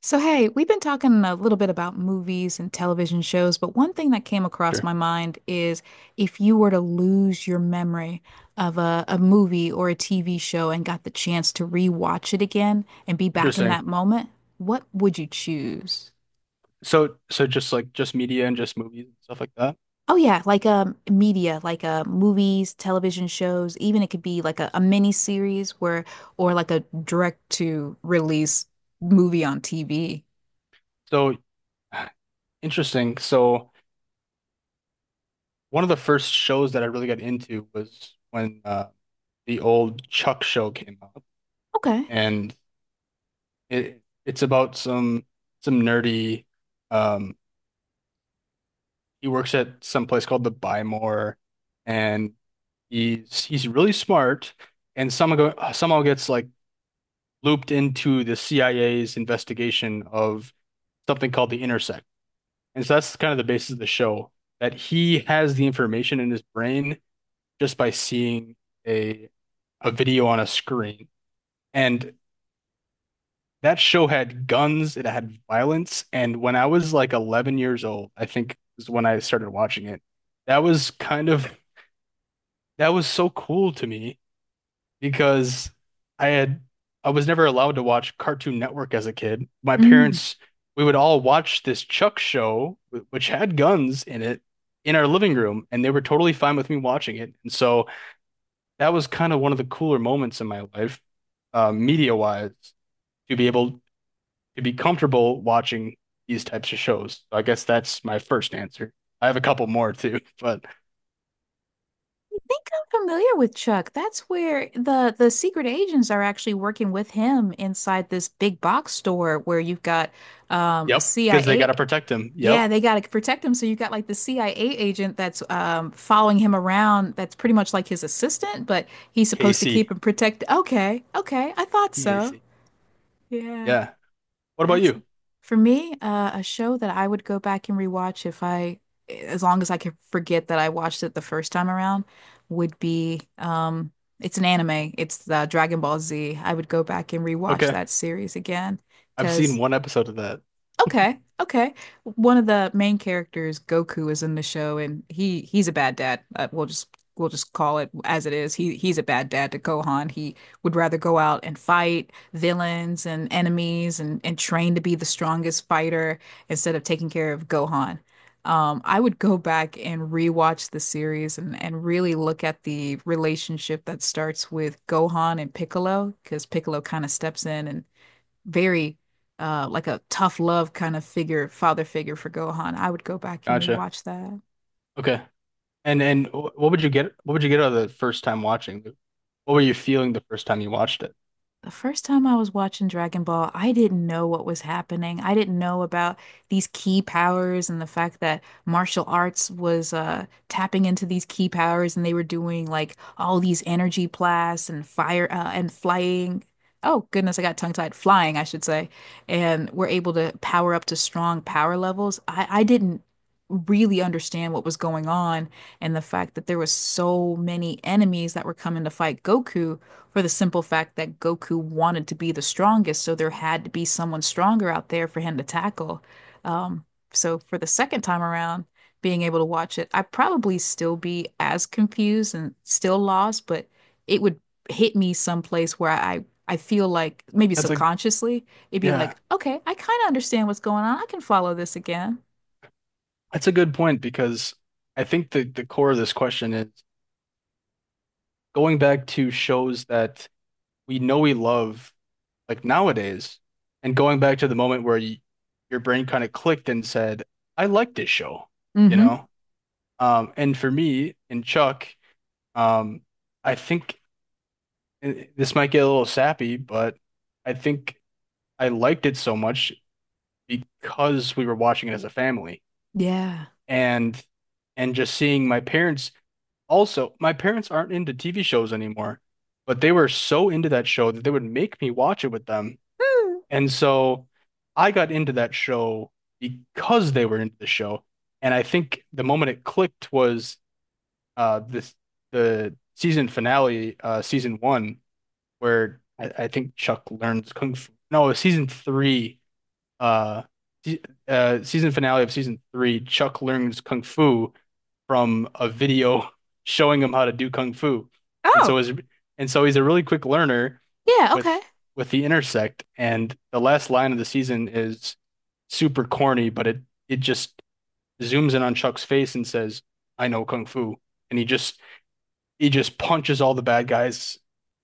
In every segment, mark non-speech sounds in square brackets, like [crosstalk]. So, hey, we've been talking a little bit about movies and television shows, but one thing that came across Sure. my mind is if you were to lose your memory of a movie or a TV show and got the chance to rewatch it again and be back in Interesting. that moment, what would you choose? So just like just media and just movies and stuff like that. Oh yeah, like media, like movies, television shows, even it could be like a mini series where or like a direct to release movie on TV. So, [sighs] interesting. So, one of the first shows that I really got into was when the old Chuck show came out, Okay. and it's about some some nerdy. Um, he works at some place called the Bymore, and he's really smart, and somehow gets like looped into the CIA's investigation of something called the Intercept. And so that's kind of the basis of the show, that he has the information in his brain just by seeing a a video on a screen. And that show had guns, it had violence, and when I was like 11 years old, I think is when I started watching it. That was kind of that was so cool to me because I had I was never allowed to watch Cartoon Network as a kid. My parents, we would all watch this Chuck show, which had guns in it, in our living room, and they were totally fine with me watching it. And so that was kind of one of the cooler moments in my life, media-wise, to be able to be comfortable watching these types of shows. So I guess that's my first answer. I have a couple more too, [laughs] but I think I'm familiar with Chuck. That's where the secret agents are actually working with him inside this big box store where you've got a yep, because they got CIA. to protect him. Yep, Yeah, they got to protect him. So you've got like the CIA agent that's following him around that's pretty much like his assistant, but he's supposed to keep Casey, him protected. Okay, okay, I thought so. Casey. Yeah. Yeah. What about That's you? for me, a show that I would go back and rewatch if I, as long as I could forget that I watched it the first time around, would be it's an anime. It's the Dragon Ball Z. I would go back and rewatch Okay. that series again I've seen because one episode of that. okay. Okay. One of the main characters, Goku, is in the show and he's a bad dad. We'll just we'll just call it as it is. He's a bad dad to Gohan. He would rather go out and fight villains and enemies and train to be the strongest fighter instead of taking care of Gohan. I would go back and rewatch the series and really look at the relationship that starts with Gohan and Piccolo because Piccolo kind of steps in and very like a tough love kind of figure, father figure for Gohan. I would go back and Gotcha. rewatch that. Okay. And what would you get? What would you get out of the first time watching? What were you feeling the first time you watched it? The first time I was watching Dragon Ball, I didn't know what was happening. I didn't know about these key powers and the fact that martial arts was tapping into these key powers, and they were doing like all these energy blasts and fire and flying. Oh goodness, I got tongue-tied. Flying, I should say, and we're able to power up to strong power levels. I didn't really understand what was going on, and the fact that there was so many enemies that were coming to fight Goku for the simple fact that Goku wanted to be the strongest, so there had to be someone stronger out there for him to tackle. Um, so for the second time around, being able to watch it, I'd probably still be as confused and still lost, but it would hit me someplace where I feel like maybe That's a subconsciously it'd be yeah. like, okay, I kind of understand what's going on. I can follow this again. That's a good point because I think the core of this question is going back to shows that we know we love like nowadays, and going back to the moment where you, your brain kind of clicked and said, "I like this show," you Mm-hmm. know. And for me and Chuck, um, I think, and this might get a little sappy, but I think I liked it so much because we were watching it as a family Yeah. and and just seeing my parents, also my parents aren't into TV shows anymore, but they were so into that show that they would make me watch it with them. Hmm. And so I got into that show because they were into the show. And I think the moment it clicked was this the season finale, season one where I think Chuck learns kung fu. No, season three, uh, season finale of season three, Chuck learns kung fu from a video [laughs] showing him how to do kung fu, and Oh, so is and so he's a really quick learner yeah, okay. with the intersect. And the last line of the season is super corny, but it just zooms in on Chuck's face and says, "I know kung fu," and he just punches all the bad guys.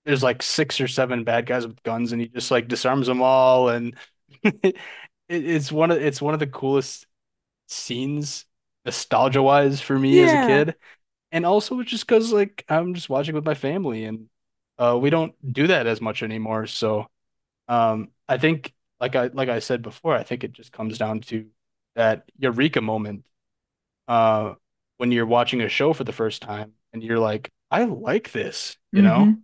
There's like six or seven bad guys with guns, and he just like disarms them all. And [laughs] it, it's one of the coolest scenes, nostalgia wise, for me as a Yeah. kid. And also just because like I'm just watching with my family, and we don't do that as much anymore. So I think like I said before, I think it just comes down to that eureka moment uh, when you're watching a show for the first time and you're like, I like this, you know? Mm-hmm.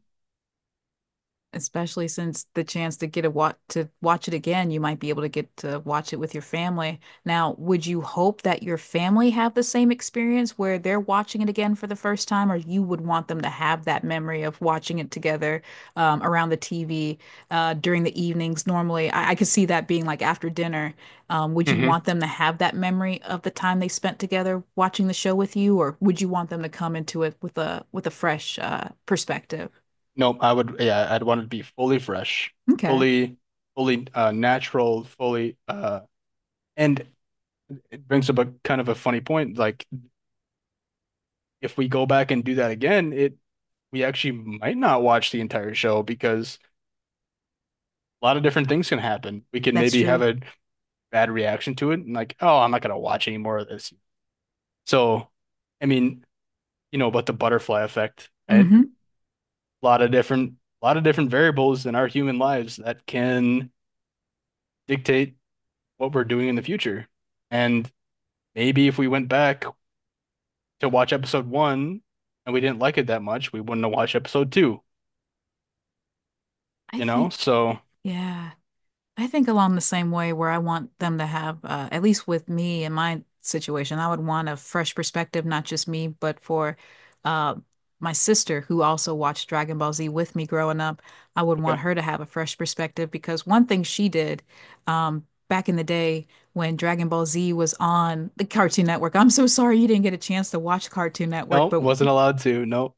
Especially since the chance to get a watch to watch it again, you might be able to get to watch it with your family. Now, would you hope that your family have the same experience where they're watching it again for the first time, or you would want them to have that memory of watching it together, around the TV, during the evenings? Normally, I could see that being like after dinner. Would you Mm-hmm. want them to have that memory of the time they spent together watching the show with you, or would you want them to come into it with a fresh perspective? No, I would, yeah, I'd want it to be fully fresh, Okay, fully, fully natural, fully, and it brings up a kind of a funny point. Like, if we go back and do that again, we actually might not watch the entire show because a lot of different things can happen. We can that's maybe have true. a bad reaction to it and like, oh, I'm not gonna watch any more of this. So, I mean, you know about the butterfly effect, right? Hmm. A lot of different a lot of different variables in our human lives that can dictate what we're doing in the future. And maybe if we went back to watch episode one and we didn't like it that much, we wouldn't have watched episode two, I you know? think, So, yeah, I think along the same way where I want them to have, at least with me in my situation, I would want a fresh perspective, not just me, but for uh, my sister who also watched Dragon Ball Z with me growing up. I would want okay. her to have a fresh perspective because one thing she did, back in the day when Dragon Ball Z was on the Cartoon Network. I'm so sorry you didn't get a chance to watch Cartoon Network, No, but wasn't allowed to. No.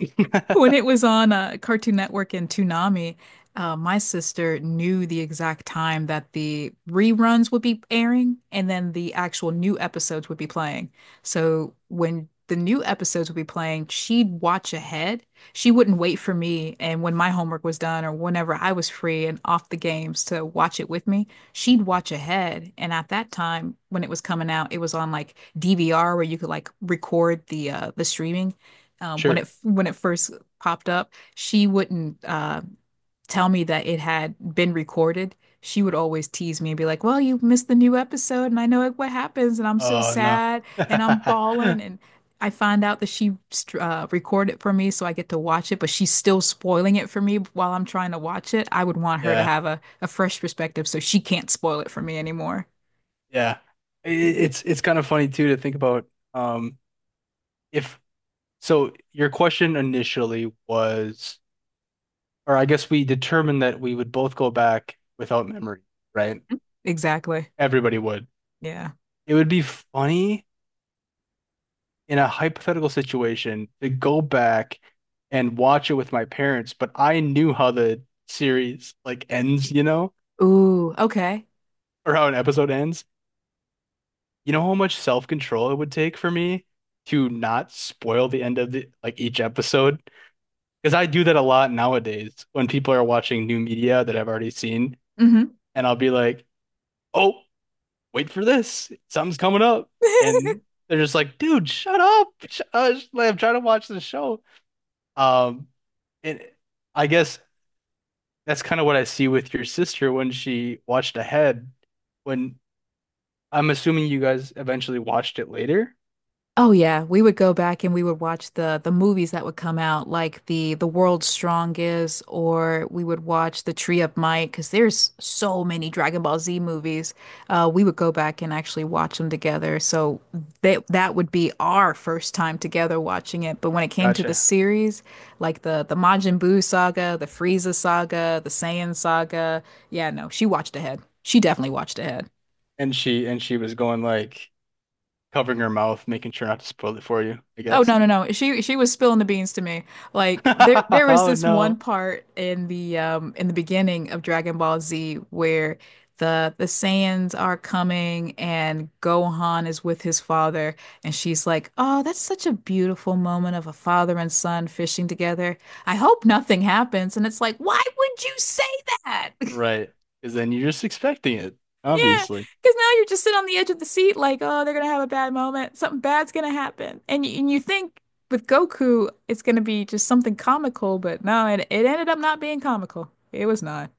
when it [laughs] was on, Cartoon Network and Toonami, my sister knew the exact time that the reruns would be airing and then the actual new episodes would be playing. So when the new episodes would be playing, she'd watch ahead. She wouldn't wait for me. And when my homework was done or whenever I was free and off the games to watch it with me, she'd watch ahead. And at that time, when it was coming out, it was on like DVR where you could like record the streaming, Sure. when it first popped up, she wouldn't tell me that it had been recorded. She would always tease me and be like, "Well, you missed the new episode, and I know what happens, and I'm so Oh, no. sad, and I'm bawling." [laughs] And I find out that she, recorded for me, so I get to watch it, but she's still spoiling it for me while I'm trying to watch it. I would want her to Yeah. have a fresh perspective, so she can't spoil it for me anymore. Yeah. It's kind of funny too to think about um if so your question initially was or I guess we determined that we would both go back without memory, right? Exactly. Everybody would. Yeah. It would be funny in a hypothetical situation to go back and watch it with my parents, but I knew how the series like ends, you know, Ooh, okay. or how an episode ends. You know how much self-control it would take for me to not spoil the end of the like each episode? Because I do that a lot nowadays when people are watching new media that I've already seen, Hmm. and I'll be like, "Oh, wait for this. Something's coming up." And [laughs] they're just like, dude, shut up. Like, I'm trying to watch the show. Um, and I guess that's kind of what I see with your sister when she watched ahead. When I'm assuming you guys eventually watched it later. Oh yeah, we would go back and we would watch the movies that would come out, like the World's Strongest, or we would watch the Tree of Might, because there's so many Dragon Ball Z movies. We would go back and actually watch them together. So that would be our first time together watching it. But when it came to the Gotcha. series, like the Majin Buu saga, the Frieza saga, the Saiyan saga, yeah, no, she watched ahead. She definitely watched ahead. And she was going like covering her mouth, making sure not to spoil it for you, I Oh guess. no [laughs] no no. She was spilling the beans to me. Like there was Oh this one no. part in the beginning of Dragon Ball Z where the Saiyans are coming and Gohan is with his father and she's like, "Oh, that's such a beautiful moment of a father and son fishing together. I hope nothing happens." And it's like, "Why would you say that?" [laughs] Right. Because then you're just expecting it, Yeah, obviously. because now you're just sitting on the edge of the seat, like, oh, they're gonna have a bad moment. Something bad's gonna happen, and you think with Goku, it's gonna be just something comical, but no, it ended up not being comical. It was not.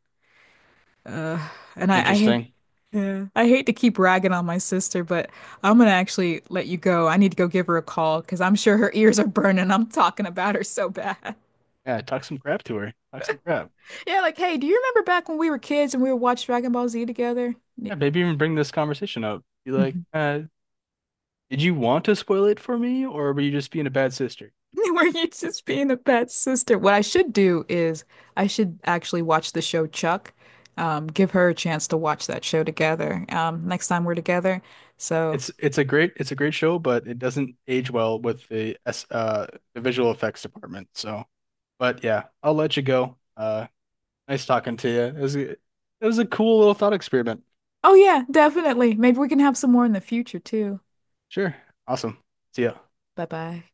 Uh, and I hate, Interesting. yeah, I hate to keep ragging on my sister, but I'm gonna actually let you go. I need to go give her a call because I'm sure her ears are burning. I'm talking about her so bad. [laughs] Yeah, talk some crap to her. Talk some crap. Yeah, like, hey, do you remember back when we were kids and we would watch Dragon Ball Z together? Yeah, maybe even bring this conversation up. Be like, Mhm. Did you want to spoil it for me, or were you just being a bad sister? [laughs] Were you just being a bad sister? What I should do is I should actually watch the show Chuck. Give her a chance to watch that show together. Next time we're together. So, It's a great it's a great show, but it doesn't age well with the S the visual effects department. So, but yeah, I'll let you go. Nice talking to you. It was a cool little thought experiment. oh yeah, definitely. Maybe we can have some more in the future too. Sure, awesome. See ya. Bye bye.